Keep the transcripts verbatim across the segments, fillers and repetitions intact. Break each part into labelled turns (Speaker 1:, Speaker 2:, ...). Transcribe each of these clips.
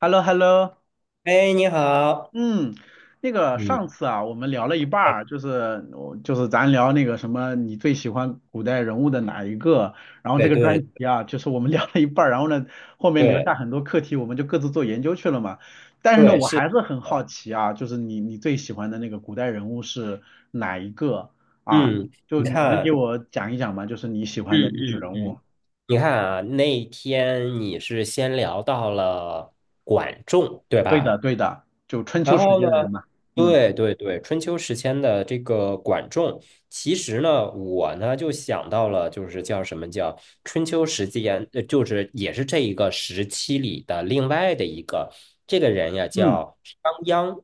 Speaker 1: h e l l o h e l l o
Speaker 2: 哎，你好。
Speaker 1: 嗯，那个
Speaker 2: 嗯，
Speaker 1: 上次啊，我们聊了一半
Speaker 2: 哎，
Speaker 1: 儿，就是我就是咱聊那个什么，你最喜欢古代人物的哪一个？然后这
Speaker 2: 对
Speaker 1: 个
Speaker 2: 对
Speaker 1: 专题啊，就是我们聊了一半儿，然后呢，后面留下
Speaker 2: 对
Speaker 1: 很多课题，我们就各自做研究去了嘛。但是呢，
Speaker 2: 对，
Speaker 1: 我
Speaker 2: 是，
Speaker 1: 还是很好奇啊，就是你你最喜欢的那个古代人物是哪一个啊？
Speaker 2: 嗯，
Speaker 1: 就
Speaker 2: 你
Speaker 1: 你能给
Speaker 2: 看，
Speaker 1: 我讲一讲吗？就是你喜欢
Speaker 2: 嗯
Speaker 1: 的历史
Speaker 2: 嗯
Speaker 1: 人物。
Speaker 2: 嗯，你看啊，那天你是先聊到了管仲，对
Speaker 1: 对
Speaker 2: 吧？
Speaker 1: 的，对的，就春
Speaker 2: 然
Speaker 1: 秋时
Speaker 2: 后
Speaker 1: 间
Speaker 2: 呢，
Speaker 1: 的人嘛。嗯
Speaker 2: 对对对，春秋时期的这个管仲，其实呢，我呢就想到了，就是叫什么叫春秋时间，呃，就是也是这一个时期里的另外的一个这个人呀，
Speaker 1: 嗯。
Speaker 2: 叫商鞅。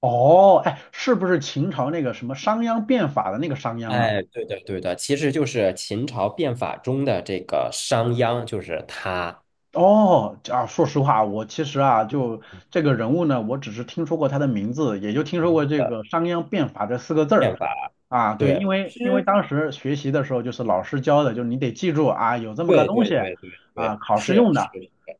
Speaker 1: 哦，哎，是不是秦朝那个什么商鞅变法的那个商鞅啊？
Speaker 2: 哎，对的，对的，其实就是秦朝变法中的这个商鞅，就是他
Speaker 1: 哦，啊，说实话，我其实啊，就这个人物呢，我只是听说过他的名字，也就听说过这
Speaker 2: 的
Speaker 1: 个商鞅变法这四个字儿
Speaker 2: 变法。
Speaker 1: 啊。对，因
Speaker 2: 对，
Speaker 1: 为因为
Speaker 2: 是，
Speaker 1: 当时学习的时候，就是老师教的，就是你得记住啊，有这么个
Speaker 2: 对，
Speaker 1: 东
Speaker 2: 对，
Speaker 1: 西
Speaker 2: 对，对，对，
Speaker 1: 啊，考试
Speaker 2: 是，
Speaker 1: 用
Speaker 2: 是，
Speaker 1: 的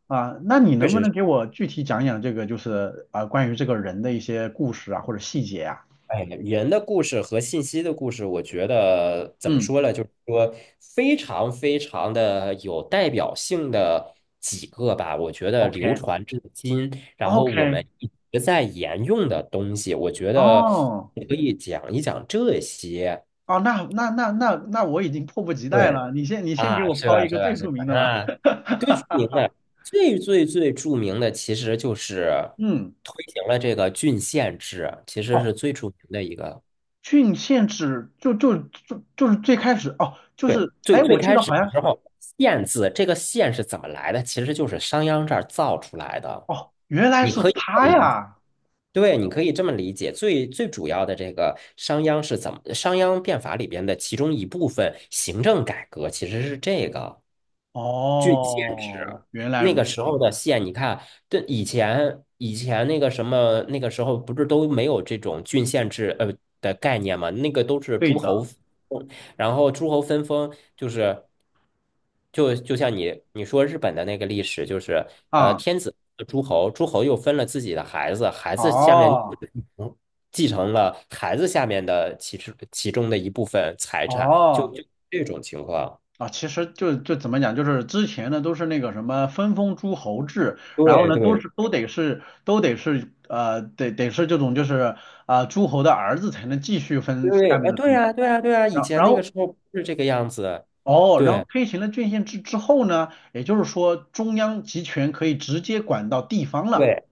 Speaker 1: 啊。那你
Speaker 2: 确
Speaker 1: 能不
Speaker 2: 实
Speaker 1: 能
Speaker 2: 是。
Speaker 1: 给我具体讲讲这个，就是啊，关于这个人的一些故事啊，或者细节啊？
Speaker 2: 哎，人的故事和信息的故事，我觉得怎么
Speaker 1: 嗯
Speaker 2: 说呢？就是说非常非常的有代表性的几个吧，我觉得流传至今，然后我
Speaker 1: ，OK，OK，
Speaker 2: 们一直在沿用的东西，我觉得
Speaker 1: 哦。
Speaker 2: 可以讲一讲这些。
Speaker 1: 哦，那那那那那我已经迫不及待
Speaker 2: 对。
Speaker 1: 了。你先你先给
Speaker 2: 啊，
Speaker 1: 我
Speaker 2: 是
Speaker 1: 抛
Speaker 2: 吧？
Speaker 1: 一
Speaker 2: 是
Speaker 1: 个
Speaker 2: 吧？
Speaker 1: 最
Speaker 2: 是
Speaker 1: 著
Speaker 2: 吧？
Speaker 1: 名的吧。
Speaker 2: 啊，最著名的、最最最著名的，其实就是
Speaker 1: 嗯，
Speaker 2: 推行了这个郡县制，其实
Speaker 1: 哦，
Speaker 2: 是最著名的一个。
Speaker 1: 郡县制就就就就是最开始哦，就
Speaker 2: 对，
Speaker 1: 是
Speaker 2: 最
Speaker 1: 哎，
Speaker 2: 最
Speaker 1: 我记
Speaker 2: 开
Speaker 1: 得
Speaker 2: 始
Speaker 1: 好
Speaker 2: 的
Speaker 1: 像
Speaker 2: 时候，县字这个县是怎么来的？其实就是商鞅这儿造出来的。
Speaker 1: 哦，原来
Speaker 2: 你
Speaker 1: 是
Speaker 2: 可以这么
Speaker 1: 他
Speaker 2: 理解，
Speaker 1: 呀。
Speaker 2: 对，你可以这么理解。最最主要的这个商鞅是怎么？商鞅变法里边的其中一部分行政改革，其实是这个。
Speaker 1: 哦，原来
Speaker 2: 那
Speaker 1: 如
Speaker 2: 个时
Speaker 1: 此，
Speaker 2: 候的县，你看，对以前以前那个什么，那个时候不是都没有这种郡县制呃的概念嘛？那个都是
Speaker 1: 对
Speaker 2: 诸
Speaker 1: 的
Speaker 2: 侯，然后诸侯分封，就是就就像你你说日本的那个历史，就是呃
Speaker 1: 啊，
Speaker 2: 天子诸侯，诸侯又分了自己的孩子，孩子下面
Speaker 1: 哦
Speaker 2: 嗯继承了孩子下面的其实其中的一部分财产，就
Speaker 1: 哦，
Speaker 2: 就这种情况。
Speaker 1: 啊，其实就就怎么讲，就是之前呢都是那个什么分封诸侯制，然后
Speaker 2: 对
Speaker 1: 呢都
Speaker 2: 对
Speaker 1: 是都得是都得是呃得得是这种就是啊、诸侯的儿子才能继续分下
Speaker 2: 对，
Speaker 1: 面
Speaker 2: 啊，
Speaker 1: 的
Speaker 2: 对
Speaker 1: 土地，
Speaker 2: 呀，对呀，对呀，以
Speaker 1: 然后
Speaker 2: 前
Speaker 1: 然
Speaker 2: 那个
Speaker 1: 后
Speaker 2: 时候不是这个样子，
Speaker 1: 哦，然后
Speaker 2: 对，
Speaker 1: 推行了郡县制之后呢，也就是说中央集权可以直接管到地方了
Speaker 2: 对，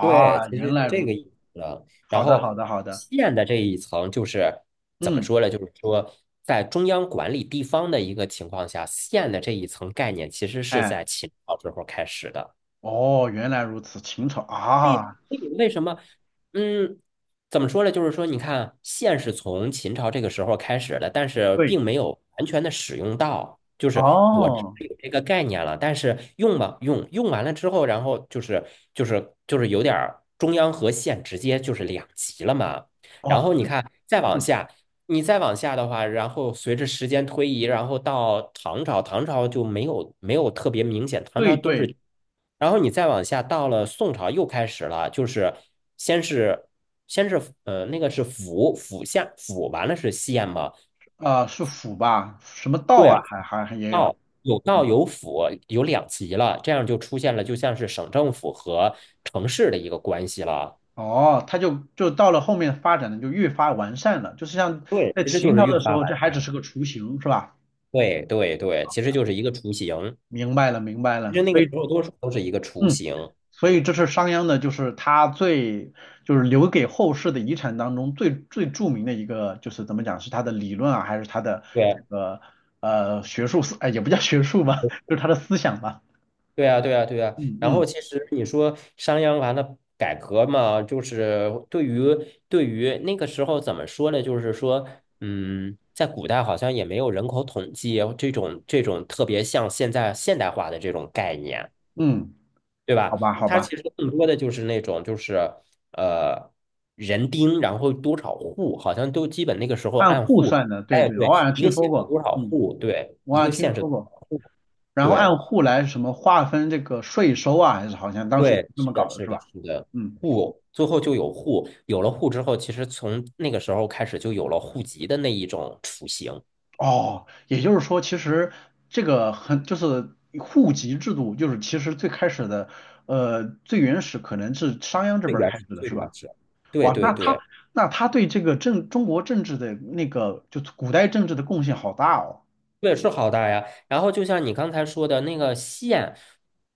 Speaker 2: 对，其
Speaker 1: 原
Speaker 2: 实是
Speaker 1: 来
Speaker 2: 这
Speaker 1: 如
Speaker 2: 个意思的。然
Speaker 1: 好的好
Speaker 2: 后
Speaker 1: 的好的，
Speaker 2: 县的这一层就是怎么
Speaker 1: 嗯，
Speaker 2: 说呢？就是说，在中央管理地方的一个情况下，县的这一层概念其实是
Speaker 1: 哎，
Speaker 2: 在秦朝时候开始的。
Speaker 1: 哦，原来如此，秦朝
Speaker 2: 所以，所
Speaker 1: 啊，
Speaker 2: 以为什么，嗯，怎么说呢？就是说，你看，线是从秦朝这个时候开始的，但是
Speaker 1: 对，
Speaker 2: 并没有完全的使用到。就是我知道
Speaker 1: 哦
Speaker 2: 有这个概念了，但是用吧，用用完了之后，然后就是就是就是有点儿中央和县直接就是两级了嘛。然
Speaker 1: 哦，
Speaker 2: 后你
Speaker 1: 就
Speaker 2: 看，再往
Speaker 1: 嗯，
Speaker 2: 下。你再往下的话，然后随着时间推移，然后到唐朝，唐朝就没有没有特别明显，唐朝
Speaker 1: 对
Speaker 2: 都
Speaker 1: 对。
Speaker 2: 是，然后你再往下到了宋朝又开始了，就是先是先是呃那个是府府下府完了是县嘛，
Speaker 1: 啊、是府吧？什么道啊，
Speaker 2: 对，
Speaker 1: 还还还也有。
Speaker 2: 道有道有府有两级了，这样就出现了就像是省政府和城市的一个关系了，
Speaker 1: 哦，它就就到了后面发展的就越发完善了，就是像
Speaker 2: 对，
Speaker 1: 在
Speaker 2: 其实就
Speaker 1: 秦
Speaker 2: 是
Speaker 1: 朝
Speaker 2: 越
Speaker 1: 的时
Speaker 2: 发
Speaker 1: 候，这
Speaker 2: 完
Speaker 1: 还只
Speaker 2: 善，
Speaker 1: 是个雏形，是吧？
Speaker 2: 对对对，其实就是一个雏形。
Speaker 1: 明白了，明白
Speaker 2: 其
Speaker 1: 了。
Speaker 2: 实那
Speaker 1: 所
Speaker 2: 个时
Speaker 1: 以，
Speaker 2: 候多数都是一个雏
Speaker 1: 嗯，
Speaker 2: 形，
Speaker 1: 所以这是商鞅的，就是他最就是留给后世的遗产当中最最著名的一个，就是怎么讲，是他的理论啊，还是他的这
Speaker 2: 对，
Speaker 1: 个呃学术思，哎，也不叫学术吧，就是他的思想吧。
Speaker 2: 对啊，对啊，对啊。
Speaker 1: 嗯
Speaker 2: 然后
Speaker 1: 嗯
Speaker 2: 其实你说商鞅完了改革嘛，就是对于对于那个时候怎么说呢？就是说，嗯，在古代好像也没有人口统计这种这种特别像现在现代化的这种概念。
Speaker 1: 嗯，
Speaker 2: 对
Speaker 1: 好
Speaker 2: 吧？
Speaker 1: 吧好
Speaker 2: 它
Speaker 1: 吧。
Speaker 2: 其实更多的就是那种就是呃人丁，然后多少户，好像都基本那个时候
Speaker 1: 按
Speaker 2: 按
Speaker 1: 户
Speaker 2: 户，
Speaker 1: 算的，对
Speaker 2: 哎，
Speaker 1: 对，我好
Speaker 2: 对，
Speaker 1: 像
Speaker 2: 一
Speaker 1: 听
Speaker 2: 个
Speaker 1: 说
Speaker 2: 县有
Speaker 1: 过，
Speaker 2: 多少
Speaker 1: 嗯，
Speaker 2: 户，对，
Speaker 1: 我
Speaker 2: 一
Speaker 1: 好
Speaker 2: 个
Speaker 1: 像听
Speaker 2: 县是
Speaker 1: 说
Speaker 2: 多
Speaker 1: 过。
Speaker 2: 少户，
Speaker 1: 然后
Speaker 2: 对
Speaker 1: 按户来什么划分这个税收啊，还是好像当时也是
Speaker 2: 对，
Speaker 1: 这
Speaker 2: 是
Speaker 1: 么
Speaker 2: 的，
Speaker 1: 搞的，
Speaker 2: 是
Speaker 1: 是
Speaker 2: 的，
Speaker 1: 吧？
Speaker 2: 是的，
Speaker 1: 嗯，
Speaker 2: 户最后就有户，有了户之后，其实从那个时候开始就有了户籍的那一种雏形，
Speaker 1: 哦，也就是说，其实这个很就是户籍制度，就是其实最开始的，呃，最原始可能是商鞅这
Speaker 2: 最
Speaker 1: 边儿
Speaker 2: 原
Speaker 1: 开
Speaker 2: 始，
Speaker 1: 始的，
Speaker 2: 最
Speaker 1: 是吧？
Speaker 2: 原始，对
Speaker 1: 哇，
Speaker 2: 对
Speaker 1: 那他
Speaker 2: 对。
Speaker 1: 那他对这个政中国政治的那个就是古代政治的贡献好大哦。
Speaker 2: 对，是好大呀。然后就像你刚才说的那个线，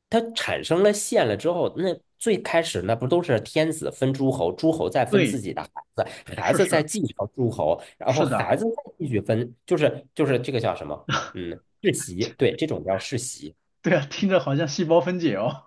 Speaker 2: 它产生了线了之后，那最开始那不都是天子分诸侯，诸侯再分
Speaker 1: 对，
Speaker 2: 自己的孩子，孩
Speaker 1: 是
Speaker 2: 子再
Speaker 1: 是
Speaker 2: 继承诸侯，然后
Speaker 1: 是的，
Speaker 2: 孩子再继续分，就是就是这个叫什么？嗯，世袭，对，这种叫世袭。
Speaker 1: 对啊，听着好像细胞分解哦。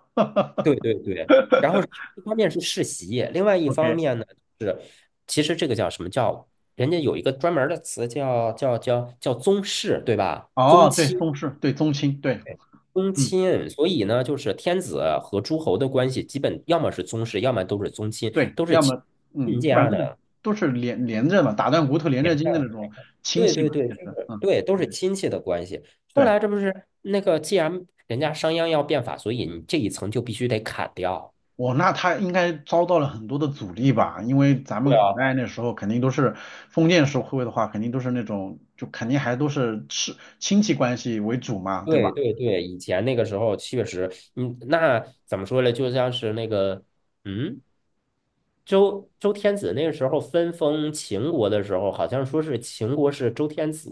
Speaker 2: 对 对对。然后一方面是世袭，另外一方
Speaker 1: OK。
Speaker 2: 面呢是，其实这个叫什么叫？人家有一个专门儿的词叫叫叫叫宗室，对吧？宗
Speaker 1: 哦，对，
Speaker 2: 亲。
Speaker 1: 宗室，对，宗亲，对，
Speaker 2: 宗
Speaker 1: 嗯，
Speaker 2: 亲，所以呢，就是天子和诸侯的关系，基本要么是宗室，要么都是宗亲，
Speaker 1: 对，
Speaker 2: 都是
Speaker 1: 要
Speaker 2: 亲
Speaker 1: 么，嗯，
Speaker 2: 亲
Speaker 1: 基本上
Speaker 2: 家
Speaker 1: 这个
Speaker 2: 的
Speaker 1: 都是连连着嘛，打断骨头连
Speaker 2: 娘
Speaker 1: 着筋
Speaker 2: 家
Speaker 1: 的
Speaker 2: 的
Speaker 1: 那种亲
Speaker 2: 对
Speaker 1: 戚
Speaker 2: 对
Speaker 1: 嘛，
Speaker 2: 对，
Speaker 1: 其
Speaker 2: 就
Speaker 1: 实，
Speaker 2: 是
Speaker 1: 嗯，
Speaker 2: 对，都是亲戚的关系。后
Speaker 1: 对，
Speaker 2: 来这不是那个，既然人家商鞅要变法，所以你这一层就必须得砍掉。
Speaker 1: 我那他应该遭到了很多的阻力吧，因为咱们
Speaker 2: 对
Speaker 1: 古
Speaker 2: 啊，
Speaker 1: 代那时候肯定都是封建社会的话，肯定都是那种就肯定还都是是亲戚关系为主嘛，对吧？
Speaker 2: 对对对，以前那个时候确实，嗯，那怎么说呢？就像是那个，嗯，周周天子那个时候分封秦国的时候，好像说是秦国是周天子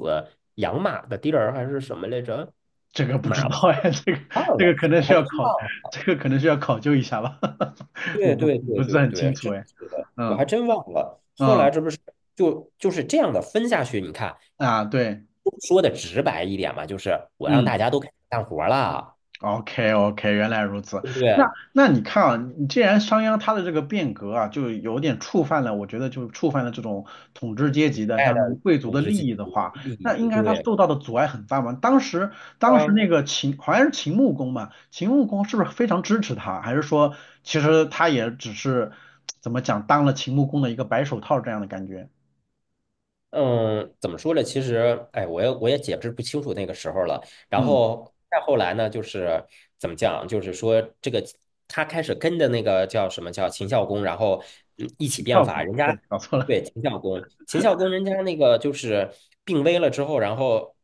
Speaker 2: 养马的地儿，还是什么来着？
Speaker 1: 这个不
Speaker 2: 马
Speaker 1: 知道哎，这个
Speaker 2: 忘
Speaker 1: 这个
Speaker 2: 了，
Speaker 1: 可能
Speaker 2: 我
Speaker 1: 需
Speaker 2: 还真
Speaker 1: 要考，
Speaker 2: 忘了。
Speaker 1: 这个可能需要考究一下吧，我
Speaker 2: 对
Speaker 1: 不
Speaker 2: 对
Speaker 1: 我不
Speaker 2: 对
Speaker 1: 是
Speaker 2: 对
Speaker 1: 很
Speaker 2: 对，
Speaker 1: 清楚
Speaker 2: 是
Speaker 1: 哎，
Speaker 2: 是的，我还
Speaker 1: 嗯
Speaker 2: 真忘了。后来
Speaker 1: 嗯
Speaker 2: 这不是就就是这样的分下去？你看，
Speaker 1: 啊，对。
Speaker 2: 说的直白一点嘛，就是我让
Speaker 1: 嗯
Speaker 2: 大家都开始干活了，
Speaker 1: ，OK OK,原来如此。
Speaker 2: 对不
Speaker 1: 那
Speaker 2: 对？
Speaker 1: 那你看啊，你既然商鞅他的这个变革啊，就有点触犯了，我觉得就触犯了这种统治阶级的，
Speaker 2: 带
Speaker 1: 像什么
Speaker 2: 着
Speaker 1: 贵族
Speaker 2: 统
Speaker 1: 的
Speaker 2: 治
Speaker 1: 利
Speaker 2: 阶级
Speaker 1: 益的话，
Speaker 2: 利
Speaker 1: 那应
Speaker 2: 益，
Speaker 1: 该他
Speaker 2: 对
Speaker 1: 受到的阻碍很大嘛。当时当时
Speaker 2: 啊，
Speaker 1: 那个秦好像是秦穆公嘛，秦穆公是不是非常支持他，还是说其实他也只是怎么讲当了秦穆公的一个白手套这样的感觉？
Speaker 2: 嗯，怎么说呢？其实，哎，我也我也解释不清楚那个时候了。然
Speaker 1: 嗯，
Speaker 2: 后再后来呢，就是怎么讲，就是说这个他开始跟着那个叫什么叫秦孝公，然后嗯一起
Speaker 1: 秦孝
Speaker 2: 变法。
Speaker 1: 公，
Speaker 2: 人
Speaker 1: 对
Speaker 2: 家
Speaker 1: 不起搞错了，
Speaker 2: 对秦孝公，秦孝公人家那个就是病危了之后，然后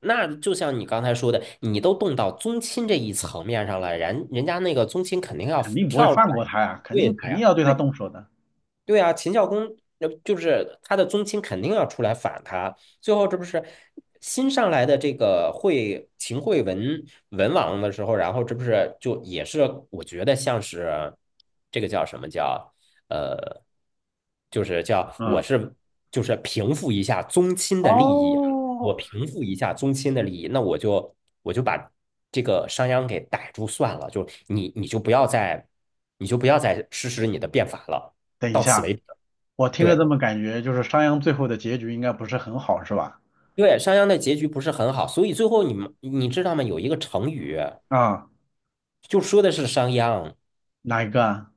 Speaker 2: 那就像你刚才说的，你都动到宗亲这一层面上了，人人家那个宗亲肯定要
Speaker 1: 肯定不会
Speaker 2: 跳出
Speaker 1: 放
Speaker 2: 来
Speaker 1: 过他呀，肯
Speaker 2: 对
Speaker 1: 定
Speaker 2: 他
Speaker 1: 肯定
Speaker 2: 呀。
Speaker 1: 要对他动手的。
Speaker 2: 对啊，秦孝公那就是他的宗亲肯定要出来反他，最后这不是新上来的这个惠秦惠文文王的时候，然后这不是就也是我觉得像是这个叫什么叫呃，就是叫我
Speaker 1: 嗯。
Speaker 2: 是就是平复一下宗亲的利益啊，我
Speaker 1: 哦，
Speaker 2: 平复一下宗亲的利益，那我就我就把这个商鞅给逮住算了，就你你就不要再你就不要再实施你的变法了。
Speaker 1: 等一
Speaker 2: 到此
Speaker 1: 下，
Speaker 2: 为止。
Speaker 1: 我听着这
Speaker 2: 对
Speaker 1: 么感觉，就是商鞅最后的结局应该不是很好，是吧？
Speaker 2: 对，商鞅的结局不是很好，所以最后你们你知道吗？有一个成语
Speaker 1: 啊，
Speaker 2: 就说的是商鞅
Speaker 1: 哪一个啊？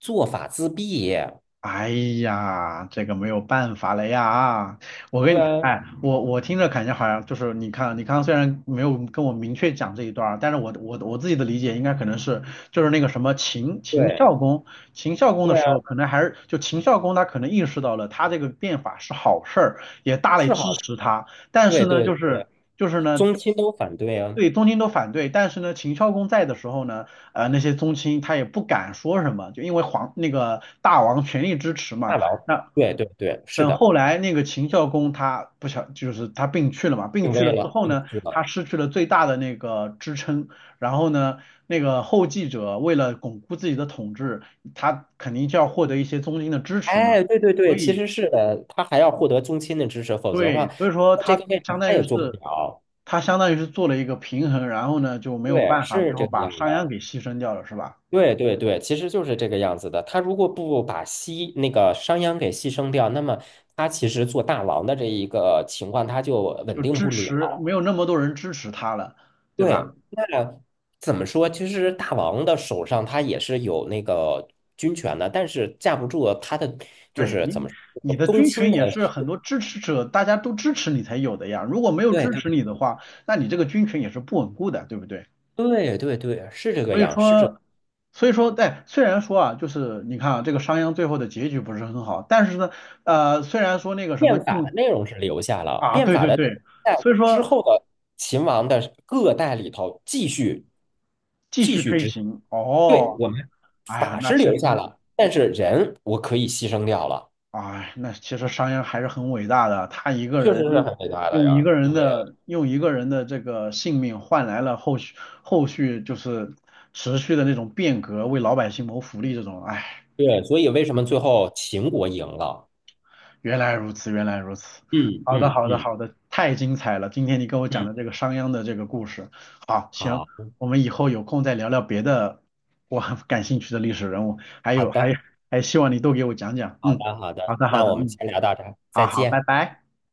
Speaker 2: 做法自毙。
Speaker 1: 哎呀，这个没有办法了呀！我跟
Speaker 2: 对
Speaker 1: 你，
Speaker 2: 啊，
Speaker 1: 哎，我我听着感觉好像就是你看，你刚刚虽然没有跟我明确讲这一段儿，但是我我我自己的理解应该可能是就是那个什么秦秦
Speaker 2: 对
Speaker 1: 孝公，秦孝公的
Speaker 2: 对啊，
Speaker 1: 时候，可能还是就秦孝公他可能意识到了他这个变法是好事儿，也大力
Speaker 2: 是
Speaker 1: 支
Speaker 2: 好的，
Speaker 1: 持他，但
Speaker 2: 对
Speaker 1: 是呢，
Speaker 2: 对
Speaker 1: 就是
Speaker 2: 对，
Speaker 1: 就是呢。
Speaker 2: 宗亲都反对啊，
Speaker 1: 对，东晋都反对，但是呢，秦孝公在的时候呢，呃，那些宗亲他也不敢说什么，就因为皇那个大王全力支持
Speaker 2: 大
Speaker 1: 嘛。
Speaker 2: 佬，
Speaker 1: 那
Speaker 2: 对对对，是
Speaker 1: 等
Speaker 2: 的，
Speaker 1: 后来那个秦孝公他不想，就是他病去了嘛，病
Speaker 2: 定
Speaker 1: 去
Speaker 2: 位
Speaker 1: 了之
Speaker 2: 了，
Speaker 1: 后
Speaker 2: 定
Speaker 1: 呢，
Speaker 2: 居了。
Speaker 1: 他失去了最大的那个支撑，然后呢，那个后继者为了巩固自己的统治，他肯定就要获得一些宗亲的支持嘛，
Speaker 2: 哎，对对
Speaker 1: 所
Speaker 2: 对，其
Speaker 1: 以
Speaker 2: 实是的，他还要获得宗亲的支持，否则的话，
Speaker 1: 对，所以说
Speaker 2: 在这
Speaker 1: 他
Speaker 2: 个位置
Speaker 1: 相
Speaker 2: 他
Speaker 1: 当于
Speaker 2: 也做不
Speaker 1: 是。
Speaker 2: 了。
Speaker 1: 他相当于是做了一个平衡，然后呢就没有
Speaker 2: 对，
Speaker 1: 办法，最
Speaker 2: 是
Speaker 1: 后
Speaker 2: 这个
Speaker 1: 把
Speaker 2: 样
Speaker 1: 商鞅
Speaker 2: 的。
Speaker 1: 给牺牲掉了，是吧？
Speaker 2: 对对对，其实就是这个样子的。他如果不把西那个商鞅给牺牲掉，那么他其实做大王的这一个情况他就稳
Speaker 1: 就
Speaker 2: 定
Speaker 1: 支
Speaker 2: 不了。
Speaker 1: 持，没有那么多人支持他了，对吧？
Speaker 2: 对，那怎么说？其实大王的手上他也是有那个军权的，但是架不住他的就
Speaker 1: 对
Speaker 2: 是怎
Speaker 1: 你，
Speaker 2: 么
Speaker 1: 你
Speaker 2: 说
Speaker 1: 的
Speaker 2: 宗
Speaker 1: 军
Speaker 2: 亲
Speaker 1: 群
Speaker 2: 的。
Speaker 1: 也是很多支持者，大家都支持你才有的呀。如果没有支持
Speaker 2: 对
Speaker 1: 你的话，那你这个军群也是不稳固的，对不对？
Speaker 2: 对对对对，是这个
Speaker 1: 所以
Speaker 2: 样，是这。
Speaker 1: 说，所以说，在虽然说啊，就是你看啊，这个商鞅最后的结局不是很好，但是呢，呃，虽然说那个什么
Speaker 2: 变法的
Speaker 1: 晋
Speaker 2: 内容是留下了，
Speaker 1: 啊，
Speaker 2: 变
Speaker 1: 对
Speaker 2: 法
Speaker 1: 对
Speaker 2: 的
Speaker 1: 对，
Speaker 2: 在
Speaker 1: 所以
Speaker 2: 之
Speaker 1: 说
Speaker 2: 后的秦王的各代里头继续
Speaker 1: 继
Speaker 2: 继
Speaker 1: 续
Speaker 2: 续
Speaker 1: 推
Speaker 2: 执
Speaker 1: 行，哦，哎呀，
Speaker 2: 法
Speaker 1: 那
Speaker 2: 是
Speaker 1: 其
Speaker 2: 留下
Speaker 1: 实。
Speaker 2: 了，但是人我可以牺牲掉了，
Speaker 1: 哎，那其实商鞅还是很伟大的，他一个
Speaker 2: 确实
Speaker 1: 人
Speaker 2: 是
Speaker 1: 用
Speaker 2: 很伟大的
Speaker 1: 用一
Speaker 2: 呀。
Speaker 1: 个人
Speaker 2: 对
Speaker 1: 的用一个人的这个性命换来了后续后续就是持续的那种变革，为老百姓谋福利这种，哎，
Speaker 2: 对，所以为什么
Speaker 1: 嗯
Speaker 2: 最后秦国赢了？
Speaker 1: 原来如此，原来如此。
Speaker 2: 嗯
Speaker 1: 好的，
Speaker 2: 嗯
Speaker 1: 好的，
Speaker 2: 嗯
Speaker 1: 好的，太精彩了！今天你跟我讲
Speaker 2: 嗯，
Speaker 1: 的这个商鞅的这个故事，好，行，
Speaker 2: 好
Speaker 1: 我们以后有空再聊聊别的我很感兴趣的历史人物，还
Speaker 2: 好
Speaker 1: 有还
Speaker 2: 的
Speaker 1: 还希望你多给我讲讲，
Speaker 2: 好
Speaker 1: 嗯，
Speaker 2: 的好
Speaker 1: 好
Speaker 2: 的，
Speaker 1: 的，好
Speaker 2: 那
Speaker 1: 的，
Speaker 2: 我们
Speaker 1: 嗯，
Speaker 2: 先聊到这儿，
Speaker 1: 好
Speaker 2: 再
Speaker 1: 好，拜
Speaker 2: 见。
Speaker 1: 拜。